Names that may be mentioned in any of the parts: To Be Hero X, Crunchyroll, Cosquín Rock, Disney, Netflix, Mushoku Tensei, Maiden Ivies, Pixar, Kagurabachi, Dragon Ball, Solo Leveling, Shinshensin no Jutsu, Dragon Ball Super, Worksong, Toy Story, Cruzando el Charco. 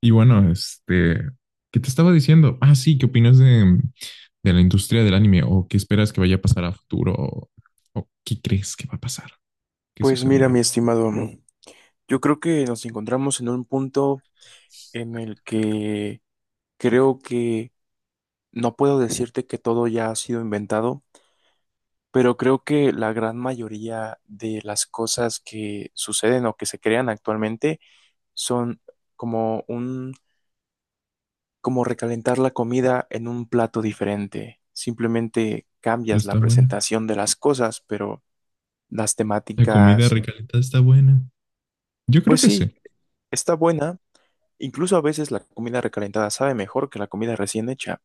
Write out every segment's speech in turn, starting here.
Y bueno, ¿qué te estaba diciendo? Ah, sí, ¿qué opinas de la industria del anime? ¿O qué esperas que vaya a pasar a futuro? O qué crees que va a pasar? ¿Qué Pues mira, sucederá? mi estimado, yo creo que nos encontramos en un punto en el que creo que no puedo decirte que todo ya ha sido inventado, pero creo que la gran mayoría de las cosas que suceden o que se crean actualmente son como un, como recalentar la comida en un plato diferente. Simplemente Pero cambias la está buena. presentación de las cosas, pero las La comida temáticas, recalentada está buena. Yo creo pues que sí. sí, está buena. Incluso a veces la comida recalentada sabe mejor que la comida recién hecha,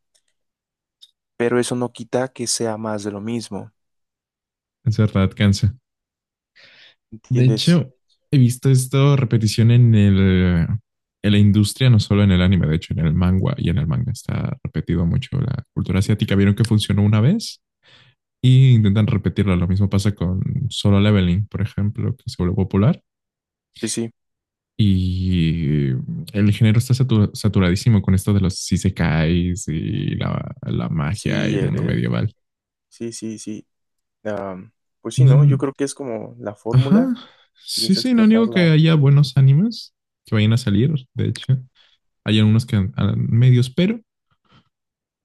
pero eso no quita que sea más de lo mismo, Es verdad, cansa. De ¿entiendes? hecho, he visto esto repetición en la industria, no solo en el anime, de hecho, en el manga y en el manga está repetido mucho la cultura asiática. ¿Vieron que funcionó una vez? Y intentan repetirla. Lo mismo pasa con Solo Leveling, por ejemplo, que se volvió popular. Sí, sí, Y el género está saturadísimo con esto de los isekais y la magia y sí, el mundo medieval. sí, sí, sí. Am, pues sí, No, ¿no? Yo creo que es como la ajá, fórmula, y sí, es sí, no niego que explotarla haya buenos animes que vayan a salir, de hecho. Hay algunos que a medios,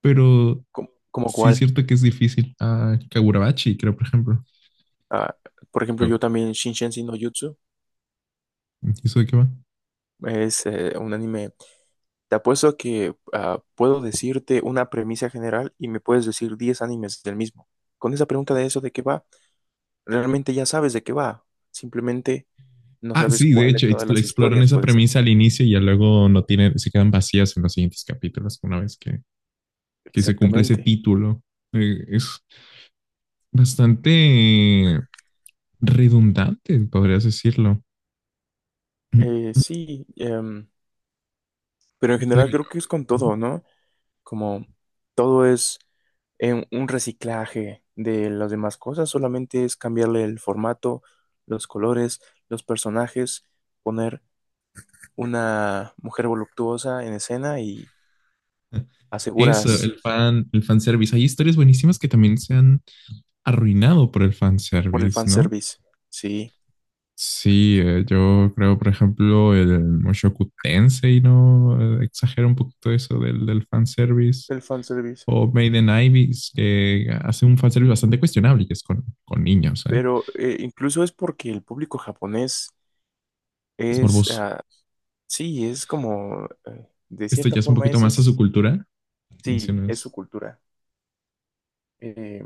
pero como, como sí es cuál. cierto que es difícil. Ah, Kagurabachi, creo, por ejemplo. Ah, por ejemplo, yo Creo. también Shinshensin no Jutsu ¿Y eso de qué va? es un anime. Te apuesto que ah, puedo decirte una premisa general y me puedes decir 10 animes del mismo. Con esa pregunta de eso de qué va, realmente ya sabes de qué va. Simplemente no Ah, sabes sí, de cuál de hecho, todas las exploran historias esa puede ser. premisa al inicio y ya luego no tienen, se quedan vacías en los siguientes capítulos una vez que se cumple ese Exactamente. título. Es bastante redundante, podrías decirlo. Sí, pero en ¿Cómo te general digo yo? creo que es con todo, ¿no? Como todo es un reciclaje de las demás cosas, solamente es cambiarle el formato, los colores, los personajes, poner una mujer voluptuosa en escena y ¿No? Eso, aseguras el fanservice. Hay historias buenísimas que también se han arruinado por el por el fanservice, ¿no? fanservice. Sí, Sí, yo creo, por ejemplo, el Mushoku Tensei, ¿no? Exagera un poquito eso del fanservice. el fanservice. O Maiden Ivies, que hace un fanservice bastante cuestionable, que es con niños, ¿eh? Pero incluso es porque el público japonés Es es, morboso. ah, sí, es como, de Esto cierta ya es un forma, poquito eso más a su es, cultura, sí, es su mencionas. cultura. Eh,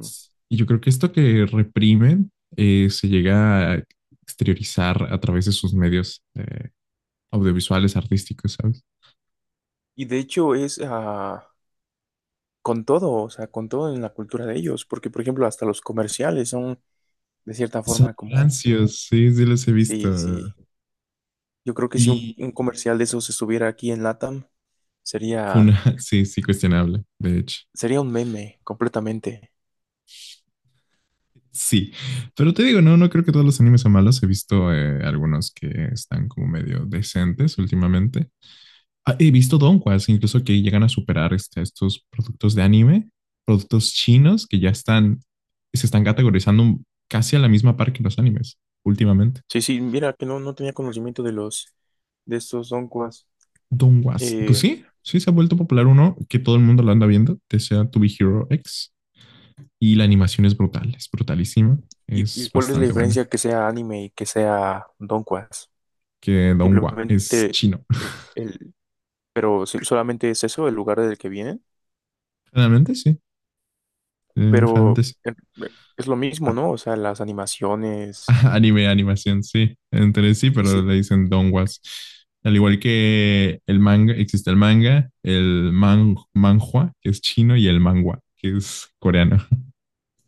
Y yo creo que esto que reprimen se llega a exteriorizar a través de sus medios audiovisuales, artísticos, ¿sabes? y de hecho es ah, con todo, o sea, con todo en la cultura de ellos, porque, por ejemplo, hasta los comerciales son, de cierta Son forma, como, rancios, sí, sí los he visto. sí, sí. Yo creo que si un, Y un comercial de esos estuviera aquí en LATAM, sería, Funa, sí, sí, cuestionable, de hecho. sería un meme completamente. Sí, pero te digo, no, no creo que todos los animes sean malos. He visto algunos que están como medio decentes últimamente. Ah, he visto donquas, incluso que llegan a superar este, estos productos de anime, productos chinos que ya están, se están categorizando casi a la misma par que los animes últimamente. Sí, sí, mira que no, no tenía conocimiento de los, de estos donquas. Donguas, pues Eh, sí, sí se ha vuelto popular uno que todo el mundo lo anda viendo, que sea To Be Hero X, y la animación es brutal, es brutalísima, ¿y, es y cuál es la bastante diferencia buena. que sea anime y que sea donquas? Que Dongua es Simplemente, chino. el, el- pero sí, solamente es eso, el lugar del que vienen, Generalmente sí, pero generalmente sí. eh, eh, es lo mismo, Ah, ¿no? O sea, las animaciones, ajá, anime, animación, sí. Entre sí, sí, pero sí. le dicen donguas. Al igual que el manga, existe el manga, manhua, que es chino, y el manhwa, que es coreano.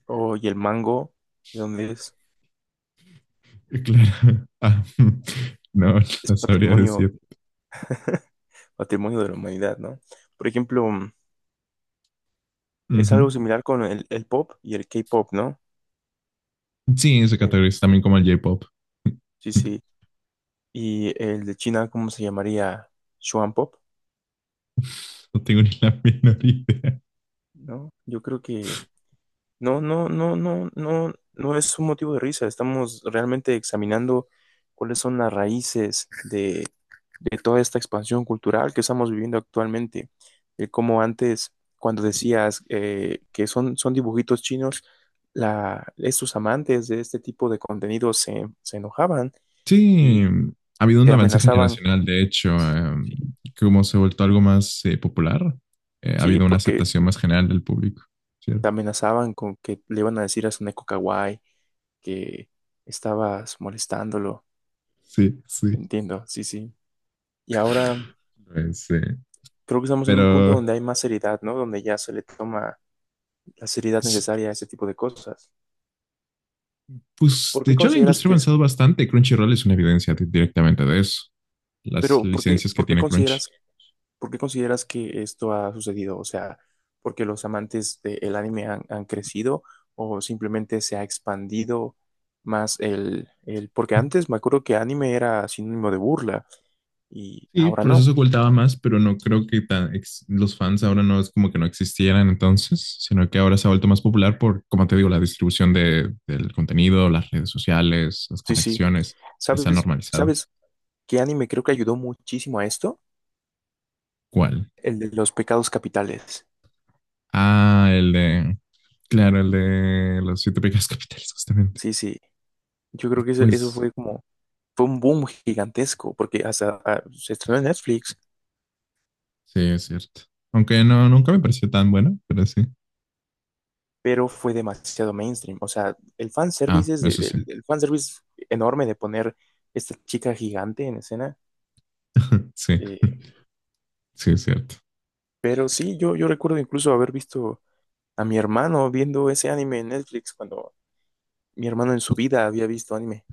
Oh, y el mango, ¿de dónde es? Claro. Ah, no, Es no sabría patrimonio, decir. patrimonio de la humanidad, ¿no? Por ejemplo, mm, es algo Ujú. similar con el pop y el K-pop, ¿no? Sí, se El, categoriza también como el J-pop. sí, sí. Y el de China, ¿cómo se llamaría? Shuan Pop, No tengo ni la menor idea. ¿no? Yo creo que no, no, no, no, no, no es un motivo de risa. Estamos realmente examinando cuáles son las raíces de toda esta expansión cultural que estamos viviendo actualmente. Como antes, cuando decías que son, son dibujitos chinos, la, estos amantes de este tipo de contenido se enojaban Sí, y ha habido un te avance amenazaban. generacional, de hecho, Sí, sí, como se ha vuelto algo más popular, ha sí, habido una porque aceptación más general del público, te ¿cierto? amenazaban con que le iban a decir a su neko kawaii que estabas molestándolo. Sí, sí. Entiendo, sí, sí. Y ahora Pues, creo que estamos en un punto pero, donde hay más seriedad, ¿no? Donde ya se le toma la seriedad s- necesaria a ese tipo de cosas. pues, ¿Por de qué hecho, la consideras industria ha que es, avanzado bastante. Crunchyroll es una evidencia directamente de eso, las pero licencias que tiene Crunchy. Por qué consideras que esto ha sucedido? O sea, ¿porque los amantes del anime han, han crecido o simplemente se ha expandido más porque antes me acuerdo que anime era sinónimo de burla y Sí, ahora por eso se no. ocultaba más, pero no creo que tan ex- los fans ahora no es como que no existieran entonces, sino que ahora se ha vuelto más popular por, como te digo, la distribución del contenido, las redes sociales, las Sí, sí. conexiones, ya se ha ¿Sabes, normalizado. sabes qué anime creo que ayudó muchísimo a esto? ¿Cuál? El de los pecados capitales. Ah, claro, el de los 7 pecados capitales, justamente. Sí, sí. Yo creo que eso Pues fue como, fue un boom gigantesco, porque hasta ah, se estrenó en Netflix, sí, es cierto. Aunque no, nunca me pareció tan bueno, pero sí. pero fue demasiado mainstream. O sea, el Ah, fanservice es eso sí. El fanservice enorme de poner esta chica gigante en escena. Sí, Eh, sí, es cierto. pero sí, yo recuerdo incluso haber visto a mi hermano viendo ese anime en Netflix cuando mi hermano en su vida había visto anime.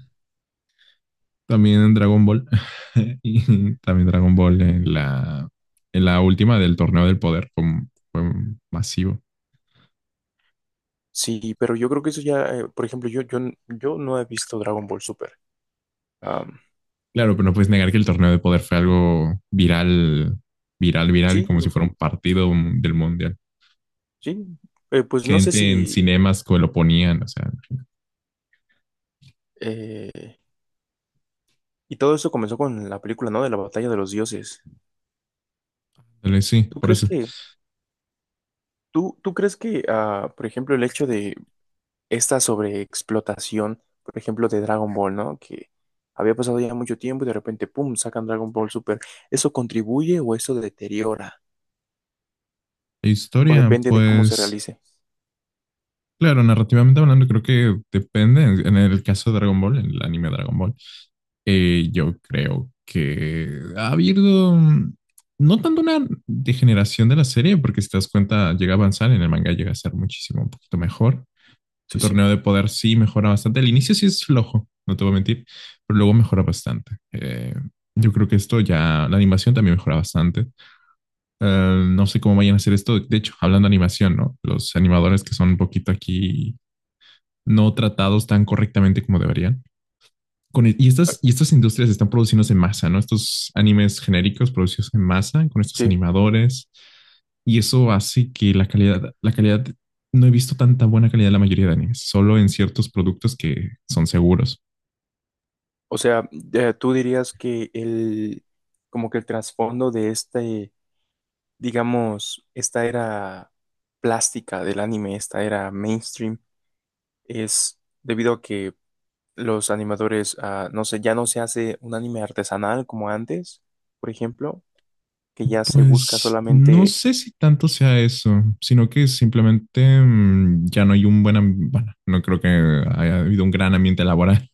También en Dragon Ball. Y también Dragon Ball en en la última del torneo del poder fue masivo. Sí, pero yo creo que eso ya, por ejemplo, yo no he visto Dragon Ball Super. Am, Claro, pero no puedes negar que el torneo del poder fue algo viral, viral, sí, como lo si fuera un partido del mundial. sí, pues no sé Gente en si... cinemas que lo ponían, o sea, eh, y todo eso comenzó con la película, ¿no? De la batalla de los dioses. dale, sí, ¿Tú por crees eso. que... ¿Tú crees que, ah, por ejemplo, el hecho de esta sobreexplotación, por ejemplo, de Dragon Ball, ¿no? Que había pasado ya mucho tiempo y de repente, ¡pum!, sacan Dragon Ball Super. ¿Eso contribuye o eso deteriora? La O historia, depende de cómo se pues, realice. claro, narrativamente hablando, creo que depende. En el caso de Dragon Ball, en el anime Dragon Ball, yo creo que ha habido no tanto una degeneración de la serie, porque si te das cuenta, llega a avanzar, en el manga llega a ser muchísimo, un poquito mejor. El Sí, sí. torneo de poder sí mejora bastante. El inicio sí es flojo, no te voy a mentir, pero luego mejora bastante. Yo creo que esto ya, la animación también mejora bastante. No sé cómo vayan a hacer esto. De hecho, hablando de animación, ¿no? Los animadores que son un poquito aquí no tratados tan correctamente como deberían. Ah, Y estas industrias están produciéndose en masa, ¿no? Estos animes genéricos producidos en masa con estos sí. animadores. Y eso hace que la calidad, no he visto tanta buena calidad en la mayoría de animes, solo en ciertos productos que son seguros. O sea, tú dirías que el... como que el trasfondo de este digamos, esta era plástica del anime, esta era mainstream, es debido a que los animadores, ah, no sé, ya no se hace un anime artesanal como antes, por ejemplo, que ya se busca Pues no solamente, sé si tanto sea eso, sino que simplemente ya no hay un buen ambiente, bueno, no creo que haya habido un gran ambiente laboral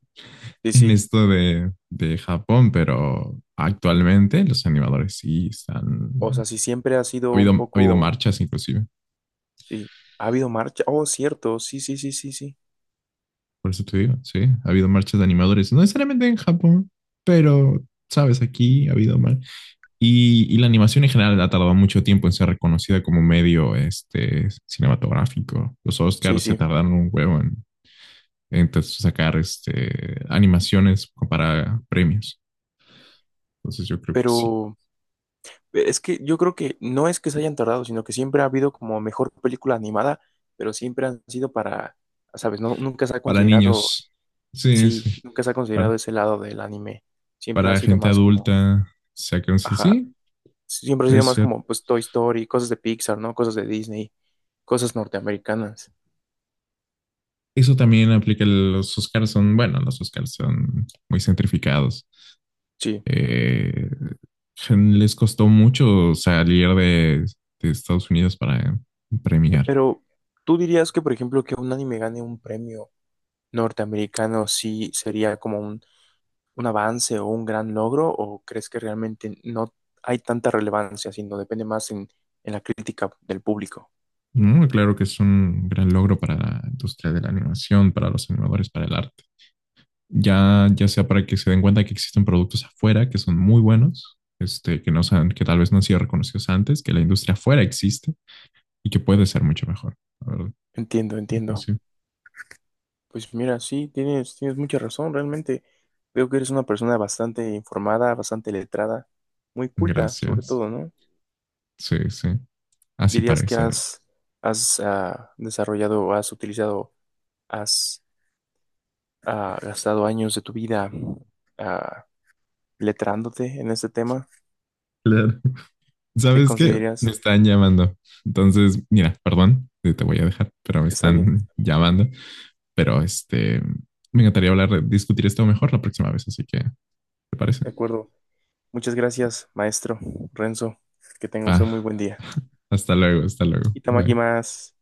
sí, en sí, esto de Japón, pero actualmente los animadores sí están... o sea, si siempre ha sido un ha habido poco, marchas inclusive, sí, ha habido marcha, oh, cierto, sí, sí, sí, sí, sí, por eso te digo, sí, ha habido marchas de animadores, no necesariamente en Japón, pero, sabes, aquí ha habido mar... Y, y la animación en general ha tardado mucho tiempo en ser reconocida como medio este, cinematográfico. Los sí, Oscars se sí, tardaron un huevo en sacar este, animaciones para premios. Entonces yo creo que sí. pero... Es que yo creo que no es que se hayan tardado, sino que siempre ha habido como mejor película animada, pero siempre han sido para, ¿sabes? No, nunca se ha Para considerado, niños, sí, sí, sí. nunca se ha Para, considerado ese lado del anime. Siempre ha para sido gente más como, adulta. Sacan, ajá, sí, siempre ha sido es más cierto. como pues Toy Story, cosas de Pixar, ¿no? Cosas de Disney, cosas norteamericanas. Eso también aplica, los Oscars son, bueno, los Oscars son muy centrificados. Sí, Eh, les costó mucho salir de Estados Unidos para premiar. pero ¿tú dirías que, por ejemplo, que un anime gane un premio norteamericano sí sería como un avance o un gran logro o crees que realmente no hay tanta relevancia, sino depende más en la crítica del público? ¿No? Claro que es un gran logro para la industria de la animación, para los animadores, para el arte. Ya sea para que se den cuenta que existen productos afuera que son muy buenos, este, no sean, que tal vez no han sido reconocidos antes, que la industria afuera existe y que puede ser mucho mejor. La verdad. Entiendo, Pues entiendo. sí. Pues mira, sí, tienes, tienes mucha razón, realmente veo que eres una persona bastante informada, bastante letrada, muy culta sobre Gracias. todo, ¿no? Sí, sí. Así ¿Dirías que parece, a ver. has, has desarrollado, has utilizado, has gastado años de tu vida ah, letrándote en este tema? Claro. ¿Te ¿Sabes qué? Me consideras, están llamando. Entonces, mira, perdón, te voy a dejar, pero me está bien, están llamando. Pero este, me encantaría hablar, discutir esto mejor la próxima vez, así que, ¿te parece? de acuerdo? Muchas gracias, maestro Renzo. Que tenga usted un muy Va. buen día. Hasta luego, hasta luego. Y Bye. más.